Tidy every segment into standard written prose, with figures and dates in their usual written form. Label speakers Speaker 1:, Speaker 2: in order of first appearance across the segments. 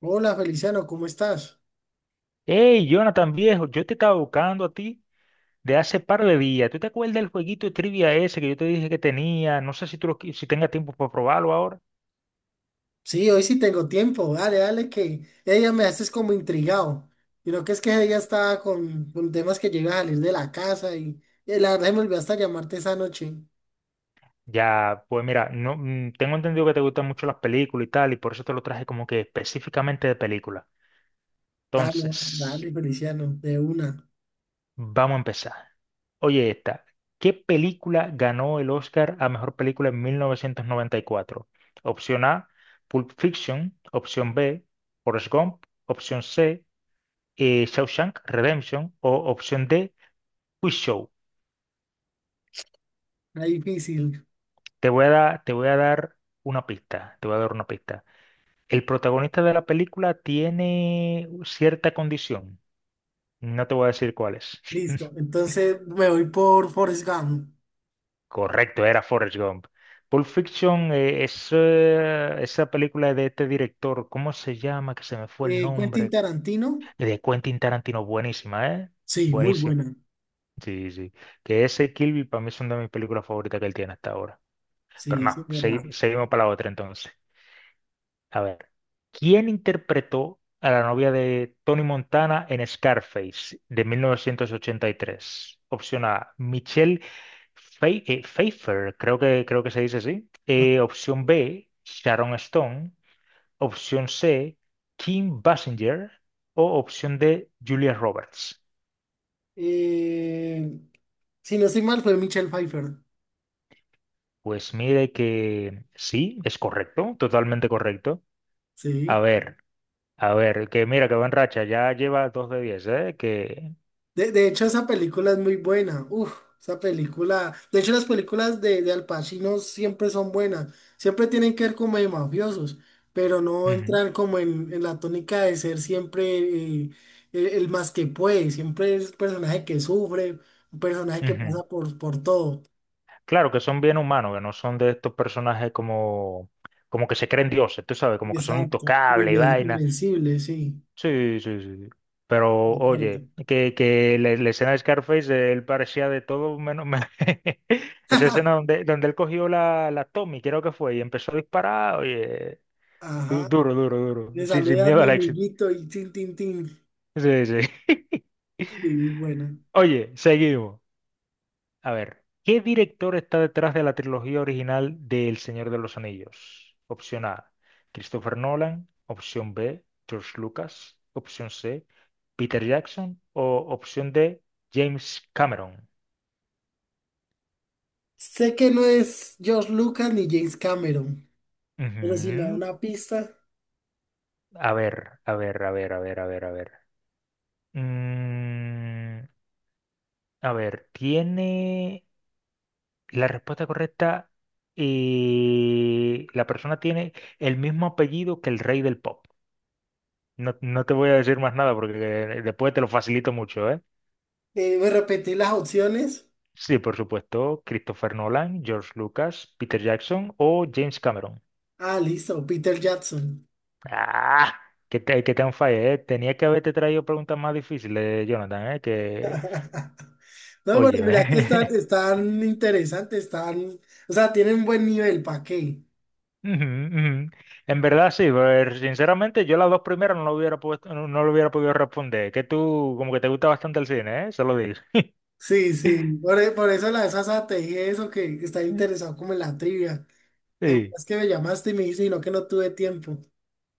Speaker 1: Hola Feliciano, ¿cómo estás?
Speaker 2: Hey, Jonathan viejo, yo te estaba buscando a ti de hace par de días. ¿Tú te acuerdas del jueguito de trivia ese que yo te dije que tenía? No sé si tengas tiempo para probarlo ahora.
Speaker 1: Sí, hoy sí tengo tiempo. Dale, dale, que ella me haces como intrigado. Y lo que es que ella estaba con temas que llega a salir de la casa y la verdad se me olvidó hasta llamarte esa noche.
Speaker 2: Ya, pues mira, no, tengo entendido que te gustan mucho las películas y tal, y por eso te lo traje como que específicamente de película.
Speaker 1: Ah, no,
Speaker 2: Entonces,
Speaker 1: dale, Feliciano, de una.
Speaker 2: vamos a empezar. Oye, esta, ¿qué película ganó el Oscar a mejor película en 1994? Opción A, Pulp Fiction. Opción B, Forrest Gump. Opción C, Shawshank Redemption. O opción D, Quiz Show.
Speaker 1: Está difícil.
Speaker 2: Te voy a dar una pista. Te voy a dar una pista. El protagonista de la película tiene cierta condición. No te voy a decir cuál es.
Speaker 1: Listo, entonces me voy por Forrest Gump.
Speaker 2: Correcto, era Forrest Gump. Pulp Fiction es, esa película de este director, ¿cómo se llama? Que se me fue el
Speaker 1: Quentin
Speaker 2: nombre.
Speaker 1: Tarantino.
Speaker 2: De Quentin Tarantino, buenísima, ¿eh?
Speaker 1: Sí, muy
Speaker 2: Buenísimo.
Speaker 1: buena.
Speaker 2: Sí, sí. Que ese y Kill Bill para mí es una de mis películas favoritas que él tiene hasta ahora.
Speaker 1: Sí,
Speaker 2: Pero no,
Speaker 1: eso es verdad.
Speaker 2: seguimos para la otra entonces. A ver, ¿quién interpretó a la novia de Tony Montana en Scarface de 1983? Opción A, Michelle Pfeiffer, creo que se dice así. Opción B, Sharon Stone. Opción C, Kim Basinger. O opción D, Julia Roberts.
Speaker 1: Eh, si no estoy mal, fue Michelle Pfeiffer.
Speaker 2: Pues mire que sí, es correcto, totalmente correcto. A
Speaker 1: Sí.
Speaker 2: ver. A ver, que mira que va en racha, ya lleva dos de diez, ¿eh? Que...
Speaker 1: De hecho, esa película es muy buena. Uf, esa película. De hecho, las películas de Al Pacino siempre son buenas. Siempre tienen que ver como de mafiosos, pero no
Speaker 2: Ujú,
Speaker 1: entran como en la tónica de ser siempre el más que puede. Siempre es un personaje que sufre, un personaje que
Speaker 2: ujú.
Speaker 1: pasa por todo.
Speaker 2: Claro que son bien humanos, que no son de estos personajes como, como que se creen dioses, tú sabes, como que son
Speaker 1: Exacto.
Speaker 2: intocables y vaina.
Speaker 1: Invencible, sí.
Speaker 2: Sí, sí, sí. Pero
Speaker 1: De acuerdo.
Speaker 2: oye, que la escena de Scarface, él parecía de todo menos, Esa escena donde él cogió la Tommy, creo que fue, y empezó a disparar, oye,
Speaker 1: Ajá.
Speaker 2: duro, duro, duro,
Speaker 1: Le
Speaker 2: sin
Speaker 1: saludas, a
Speaker 2: miedo
Speaker 1: mi
Speaker 2: al éxito.
Speaker 1: amiguito, y tin, tin, tin.
Speaker 2: Sí, sí.
Speaker 1: Sí, muy buena.
Speaker 2: Oye, seguimos. A ver, ¿qué director está detrás de la trilogía original de El Señor de los Anillos? Opción A, Christopher Nolan. Opción B, George Lucas. Opción C, Peter Jackson. O opción D, James Cameron.
Speaker 1: Sé que no es George Lucas ni James Cameron, pero si me da
Speaker 2: Ujú.
Speaker 1: una pista,
Speaker 2: A ver, a ver, a ver, a ver, a ver, a ver. Mm, a ver, tiene la respuesta correcta y la persona tiene el mismo apellido que el rey del pop. No, no te voy a decir más nada porque después te lo facilito mucho, ¿eh?
Speaker 1: me repetí las opciones.
Speaker 2: Sí, por supuesto, Christopher Nolan, George Lucas, Peter Jackson o James Cameron.
Speaker 1: Ah, listo, Peter Jackson.
Speaker 2: ¡Ah! Que te han fallado, ¿eh? Tenía que haberte traído preguntas más difíciles, Jonathan, ¿eh? Que,
Speaker 1: No, pero
Speaker 2: oye,
Speaker 1: mira que están,
Speaker 2: ve.
Speaker 1: están interesantes, están, o sea, tienen buen nivel, ¿para qué?
Speaker 2: Ujú, ujú. En verdad sí, pero sinceramente yo las dos primeras no lo hubiera puesto, no, no lo hubiera podido responder. Que tú como que te gusta bastante el cine, ¿eh? Se lo digo.
Speaker 1: Sí, sí, por eso la de Sasa te dije eso, que está interesado como en la trivia. ¿Te
Speaker 2: Sí.
Speaker 1: acuerdas que me llamaste y me dijiste, "Y no, que no tuve tiempo? O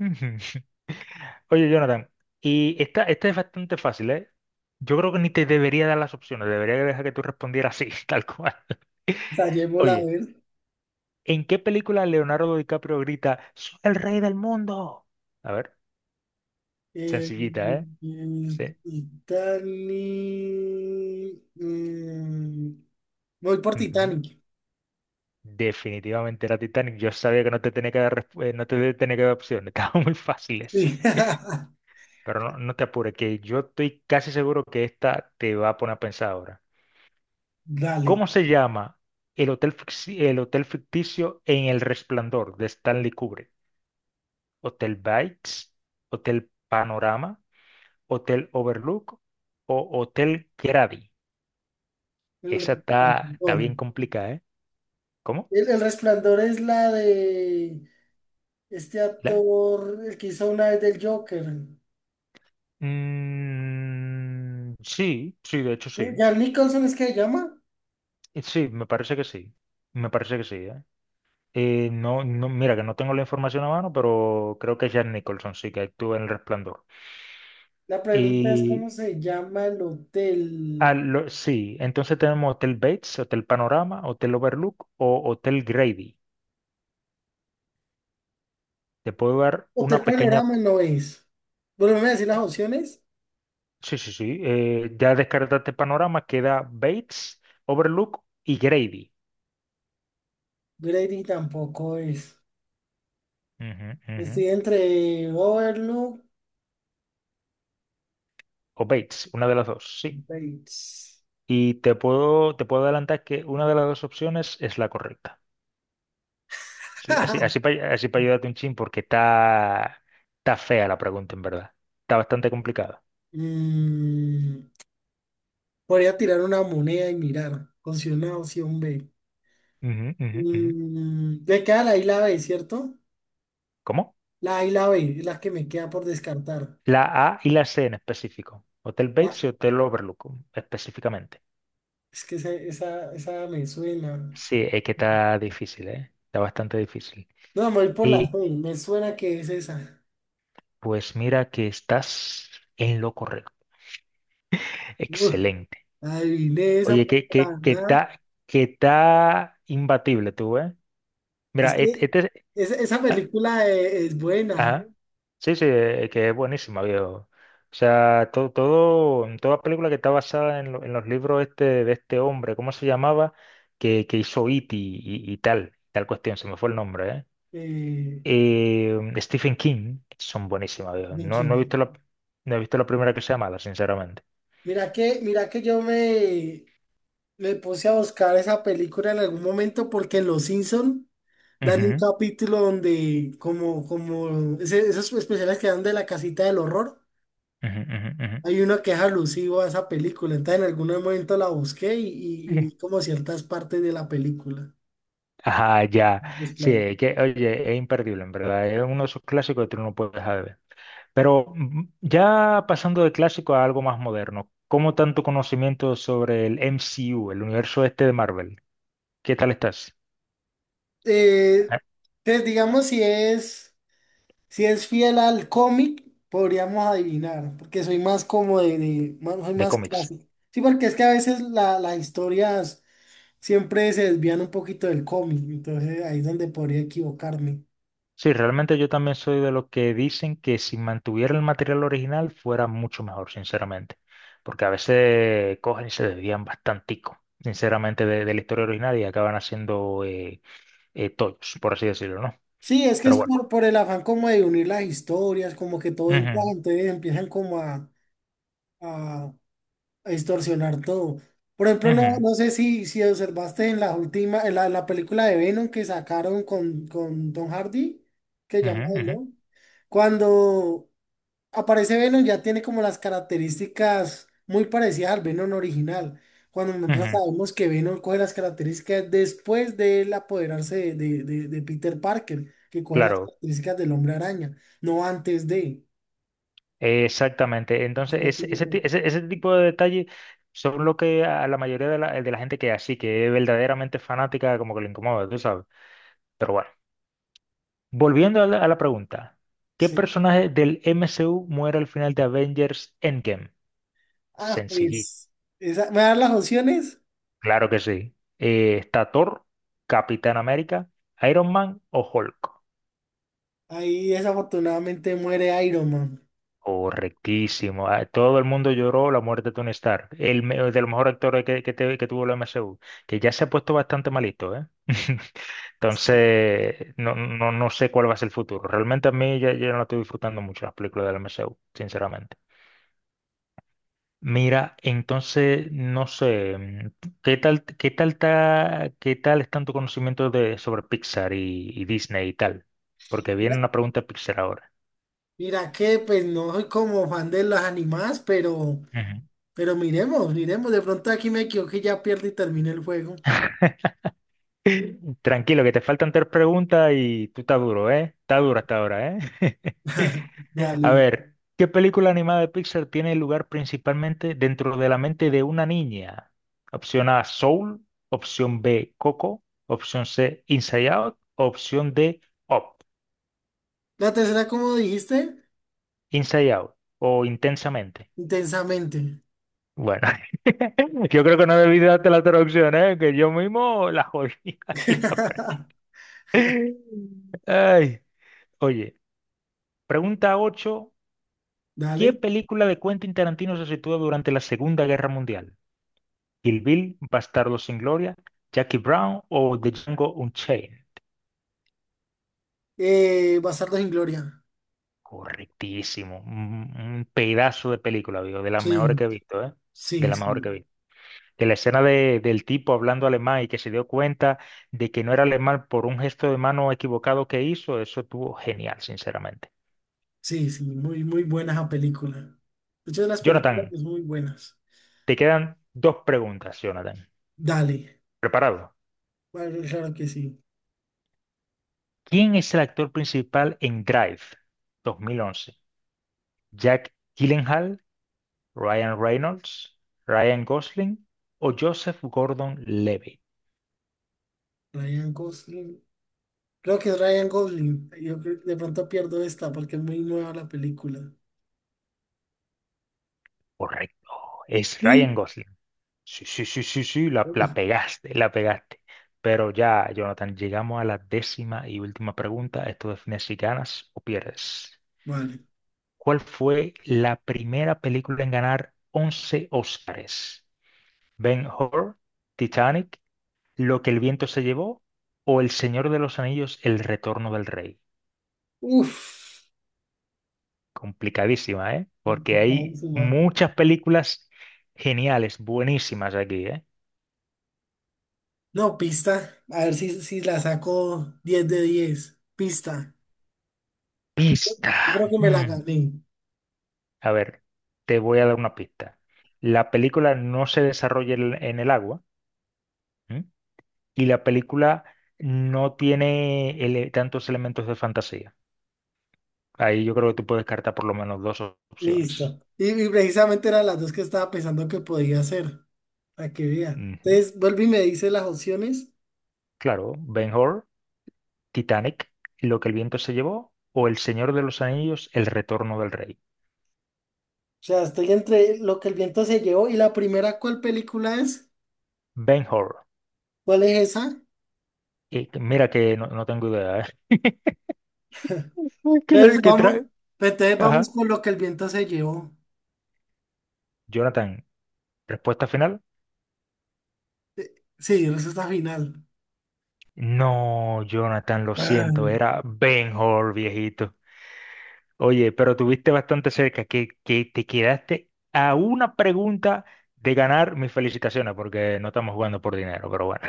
Speaker 2: Ujú. Oye, Jonathan, y esta es bastante fácil, ¿eh? Yo creo que ni te debería dar las opciones, debería dejar que tú respondieras así, tal cual.
Speaker 1: sea, llevo la
Speaker 2: Oye,
Speaker 1: ver.
Speaker 2: ¿en qué película Leonardo DiCaprio grita, soy el rey del mundo? A ver,
Speaker 1: Eh,
Speaker 2: sencillita, ¿eh?
Speaker 1: eh,
Speaker 2: Sí.
Speaker 1: Titanic. Voy por
Speaker 2: Ujú.
Speaker 1: Titanic.
Speaker 2: Definitivamente era Titanic. Yo sabía que no te tenía que dar, no te tenía que dar opciones, estaban muy fáciles.
Speaker 1: Sí.
Speaker 2: Pero no, no te apures, que yo estoy casi seguro que esta te va a poner a pensar ahora.
Speaker 1: Dale.
Speaker 2: ¿Cómo se llama el hotel ficticio en El Resplandor de Stanley Kubrick? ¿Hotel Bites? ¿Hotel Panorama? ¿Hotel Overlook? ¿O Hotel Grady?
Speaker 1: El
Speaker 2: Esa está, está
Speaker 1: resplandor.
Speaker 2: bien complicada, ¿eh? ¿Cómo?
Speaker 1: El resplandor es la de este
Speaker 2: La-
Speaker 1: actor, el que hizo una vez del Joker.
Speaker 2: Mm, sí, sí, de hecho sí.
Speaker 1: ¿Jack Nicholson es que se llama?
Speaker 2: Sí, me parece que sí. Me parece que sí, ¿eh? No, no, mira que no tengo la información a mano, pero creo que es Jack Nicholson, sí, que actúa en El Resplandor.
Speaker 1: La pregunta es cómo se llama el
Speaker 2: Ah,
Speaker 1: hotel.
Speaker 2: sí, entonces tenemos Hotel Bates, Hotel Panorama, Hotel Overlook o Hotel Grady. Te puedo dar
Speaker 1: Hotel
Speaker 2: una pequeña...
Speaker 1: Panorama no es. Volveme a decir las opciones.
Speaker 2: Sí, sí, sí. Eh, ya descartaste Panorama, queda Bates, Overlook y Grady.
Speaker 1: Grady tampoco es.
Speaker 2: Ujú, ujú.
Speaker 1: Estoy entre Overlook
Speaker 2: O Bates, una de las dos,
Speaker 1: y
Speaker 2: sí.
Speaker 1: Bates.
Speaker 2: Y te puedo adelantar que una de las dos opciones es la correcta. Sí, así, así para así pa ayudarte un chin porque está, está fea la pregunta, en verdad. Está bastante complicada.
Speaker 1: Mm, Podría tirar una moneda y mirar. Considero una opción B.
Speaker 2: Ujú, ujú, ujú.
Speaker 1: Me queda la I y la B, ¿cierto?
Speaker 2: ¿Cómo?
Speaker 1: La A y la B es la que me queda por descartar.
Speaker 2: La A y la C en específico. Hotel
Speaker 1: La-
Speaker 2: Bates y Hotel Overlook específicamente.
Speaker 1: es que esa me suena.
Speaker 2: Sí, es que está difícil, ¿eh? Está bastante difícil.
Speaker 1: No, me voy por la
Speaker 2: Y
Speaker 1: C. Me suena que es esa.
Speaker 2: pues mira que estás en lo correcto.
Speaker 1: Uy,
Speaker 2: Excelente.
Speaker 1: adiviné esa,
Speaker 2: Oye,
Speaker 1: porque la verdad.
Speaker 2: que está imbatible tú, ¿eh?
Speaker 1: Es
Speaker 2: Mira,
Speaker 1: que esa película es buena.
Speaker 2: Ajá. Sí, sí, que es buenísima, viejo. O sea, todo, todo, toda película que está basada en, en los libros este, de este hombre, ¿cómo se llamaba? Que hizo It y tal, tal cuestión, se me fue el nombre, ¿eh?
Speaker 1: Eh,
Speaker 2: Stephen King, son buenísimas, viejo.
Speaker 1: Mickey.
Speaker 2: No he visto la primera que sea mala, sinceramente.
Speaker 1: Mira que yo me, Me puse a buscar esa película en algún momento porque en Los Simpson dan un capítulo donde como esos especiales que dan de la casita del horror,
Speaker 2: Ujú, ujú, ujú, ujú.
Speaker 1: hay uno que es alusivo a esa película. Entonces en algún momento la busqué y, y
Speaker 2: Sí.
Speaker 1: vi como ciertas partes de la película.
Speaker 2: Ajá, ya.
Speaker 1: Los planos.
Speaker 2: Sí, que, oye, es imperdible, en verdad. Es uno de esos clásicos que tú no puedes dejar de ver. Pero ya pasando de clásico a algo más moderno, ¿cómo tanto conocimiento sobre el MCU, el universo este de Marvel? ¿Qué tal estás?
Speaker 1: Eh,
Speaker 2: Ah,
Speaker 1: entonces digamos si es. Si es fiel al cómic, podríamos adivinar, porque soy más como soy
Speaker 2: de
Speaker 1: más
Speaker 2: cómics.
Speaker 1: clásico. Sí, porque es que a veces las historias siempre se desvían un poquito del cómic, entonces ahí es donde podría equivocarme.
Speaker 2: Sí, realmente yo también soy de los que dicen que si mantuviera el material original fuera mucho mejor, sinceramente. Porque a veces cogen y se desvían bastantico, sinceramente, de la historia original y acaban haciendo tollos, por así decirlo, ¿no?
Speaker 1: Sí, es que
Speaker 2: Pero
Speaker 1: es
Speaker 2: bueno.
Speaker 1: por el afán como de unir las historias, como que todo encaja,
Speaker 2: Ujú,
Speaker 1: entonces empiezan como a, a distorsionar todo. Por ejemplo, no,
Speaker 2: ujú,
Speaker 1: no sé si observaste en la última, en la película de Venom que sacaron con Tom Hardy, que llama
Speaker 2: ujú,
Speaker 1: el
Speaker 2: ujú,
Speaker 1: Don. Cuando aparece Venom ya tiene como las características muy parecidas al Venom original. Cuando nosotros
Speaker 2: ujú.
Speaker 1: sabemos que Venom coge las características después de él apoderarse de Peter Parker, que coge las
Speaker 2: Claro,
Speaker 1: características del hombre araña, no antes de.
Speaker 2: exactamente. Entonces, ese tipo de detalles son lo que a la mayoría de la gente que es así, que es verdaderamente fanática, como que le incomoda, tú sabes. Pero bueno, volviendo a la pregunta, ¿qué
Speaker 1: Sí.
Speaker 2: personaje del MCU muere al final de Avengers Endgame?
Speaker 1: Ah,
Speaker 2: Sencillito,
Speaker 1: pues, me dan las opciones.
Speaker 2: claro que sí. ¿Está Thor, Capitán América, Iron Man o Hulk?
Speaker 1: Ahí desafortunadamente muere Iron Man.
Speaker 2: Correctísimo. Ah, todo el mundo lloró la muerte de Tony Stark, de los mejores actores que, que tuvo la MCU, que ya se ha puesto bastante malito, ¿eh? Entonces, no, no, no sé cuál va a ser el futuro. Realmente a mí ya no estoy disfrutando mucho las películas de la MCU, sinceramente. Mira, entonces, no sé, ¿qué tal están tu conocimiento de, sobre Pixar y Disney y tal? Porque viene
Speaker 1: Mira,
Speaker 2: una pregunta de Pixar ahora.
Speaker 1: mira que pues no soy como fan de las animadas, pero miremos, miremos. De pronto aquí me equivoqué, y ya pierdo y termina el juego.
Speaker 2: Tranquilo, que te faltan tres preguntas y tú estás duro, ¿eh? Está duro hasta ahora, ¿eh? A
Speaker 1: Dale.
Speaker 2: ver, ¿qué película animada de Pixar tiene lugar principalmente dentro de la mente de una niña? Opción A, Soul. Opción B, Coco. Opción C, Inside Out. Opción D, Up.
Speaker 1: La tercera, como dijiste,
Speaker 2: Inside Out o Intensamente.
Speaker 1: intensamente.
Speaker 2: Bueno, yo creo que no debí darte la traducción, ¿eh? Que yo mismo la jodí. ahí, la verdad. Ay, oye. Pregunta 8: ¿qué
Speaker 1: Dale.
Speaker 2: película de Quentin Tarantino se sitúa durante la Segunda Guerra Mundial? ¿Kill Bill, Bastardos sin Gloria, Jackie Brown o The Django Unchained?
Speaker 1: Bastardos sin Gloria.
Speaker 2: Correctísimo. Un pedazo de película, digo, de las mejores
Speaker 1: Sí,
Speaker 2: que he visto, ¿eh? De
Speaker 1: sí,
Speaker 2: las mejores
Speaker 1: sí,
Speaker 2: que he visto. De la escena del tipo hablando alemán y que se dio cuenta de que no era alemán por un gesto de mano equivocado que hizo, eso estuvo genial, sinceramente.
Speaker 1: sí, sí. Muy, muy buena esa película. Muchas de las películas
Speaker 2: Jonathan,
Speaker 1: pues, muy buenas.
Speaker 2: te quedan dos preguntas, Jonathan.
Speaker 1: Dale.
Speaker 2: ¿Preparado?
Speaker 1: Bueno, claro que sí.
Speaker 2: ¿Quién es el actor principal en Drive 2011? ¿Jack Gyllenhaal, Ryan Reynolds, Ryan Gosling o Joseph Gordon-Levitt?
Speaker 1: Ryan Gosling. Creo que es Ryan Gosling. Yo creo- de pronto pierdo esta porque es muy nueva la película.
Speaker 2: Correcto, es Ryan
Speaker 1: Sí.
Speaker 2: Gosling. Sí, sí, sí, sí, sí, la,
Speaker 1: Uf,
Speaker 2: la pegaste, la pegaste. Pero ya, Jonathan, llegamos a la décima y última pregunta. Esto define si ganas o pierdes.
Speaker 1: vale.
Speaker 2: ¿Cuál fue la primera película en ganar 11 Óscares? ¿Ben-Hur, Titanic, Lo que el viento se llevó o El Señor de los Anillos, El Retorno del Rey?
Speaker 1: Uf.
Speaker 2: Complicadísima, ¿eh? Porque hay
Speaker 1: Complicadísima.
Speaker 2: muchas películas geniales, buenísimas aquí, ¿eh?
Speaker 1: No, pista. A ver si, si la saco 10 de 10, pista.
Speaker 2: Pista.
Speaker 1: Yo creo que me la
Speaker 2: Mm.
Speaker 1: gané.
Speaker 2: A ver, te voy a dar una pista. La película no se desarrolla en el agua, ¿m? Y la película no tiene tantos elementos de fantasía. Ahí yo creo que tú puedes descartar por lo menos dos opciones.
Speaker 1: Listo. Y precisamente eran las dos que estaba pensando que podía hacer. Para que vea.
Speaker 2: Ujú.
Speaker 1: Entonces, vuelve y me dice las opciones.
Speaker 2: Claro, Ben-Hur, Titanic, Lo que el viento se llevó, o El Señor de los Anillos, El Retorno del Rey.
Speaker 1: O sea, estoy entre lo que el viento se llevó y la primera, ¿cuál película es?
Speaker 2: Ben-Hur.
Speaker 1: ¿Cuál es esa?
Speaker 2: Y mira que no tengo idea, ¿eh? ¿Qué es lo
Speaker 1: Entonces
Speaker 2: que
Speaker 1: vamos,
Speaker 2: trae?
Speaker 1: entonces vamos
Speaker 2: Ajá.
Speaker 1: con lo que el viento se llevó.
Speaker 2: Jonathan, respuesta final.
Speaker 1: Sí, respuesta final.
Speaker 2: No, Jonathan, lo siento,
Speaker 1: Ay,
Speaker 2: era Ben-Hur, viejito. Oye, pero tuviste bastante cerca, que te quedaste a una pregunta de ganar mis felicitaciones, porque no estamos jugando por dinero, pero bueno.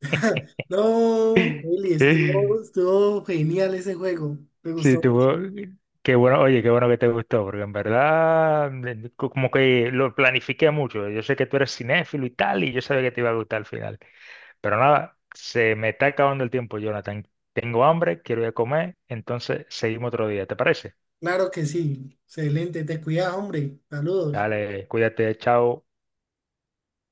Speaker 1: no, Eli, estuvo, estuvo genial ese juego. Me
Speaker 2: Sí,
Speaker 1: gustó mucho.
Speaker 2: tuvo. Qué bueno, oye, qué bueno que te gustó, porque en verdad como que lo planifiqué mucho. Yo sé que tú eres cinéfilo y tal, y yo sabía que te iba a gustar al final. Pero nada, se me está acabando el tiempo, Jonathan. Tengo hambre, quiero ir a comer, entonces seguimos otro día, ¿te parece?
Speaker 1: Claro que sí. Excelente. Te cuidas, hombre. Saludos.
Speaker 2: Dale, cuídate, chao.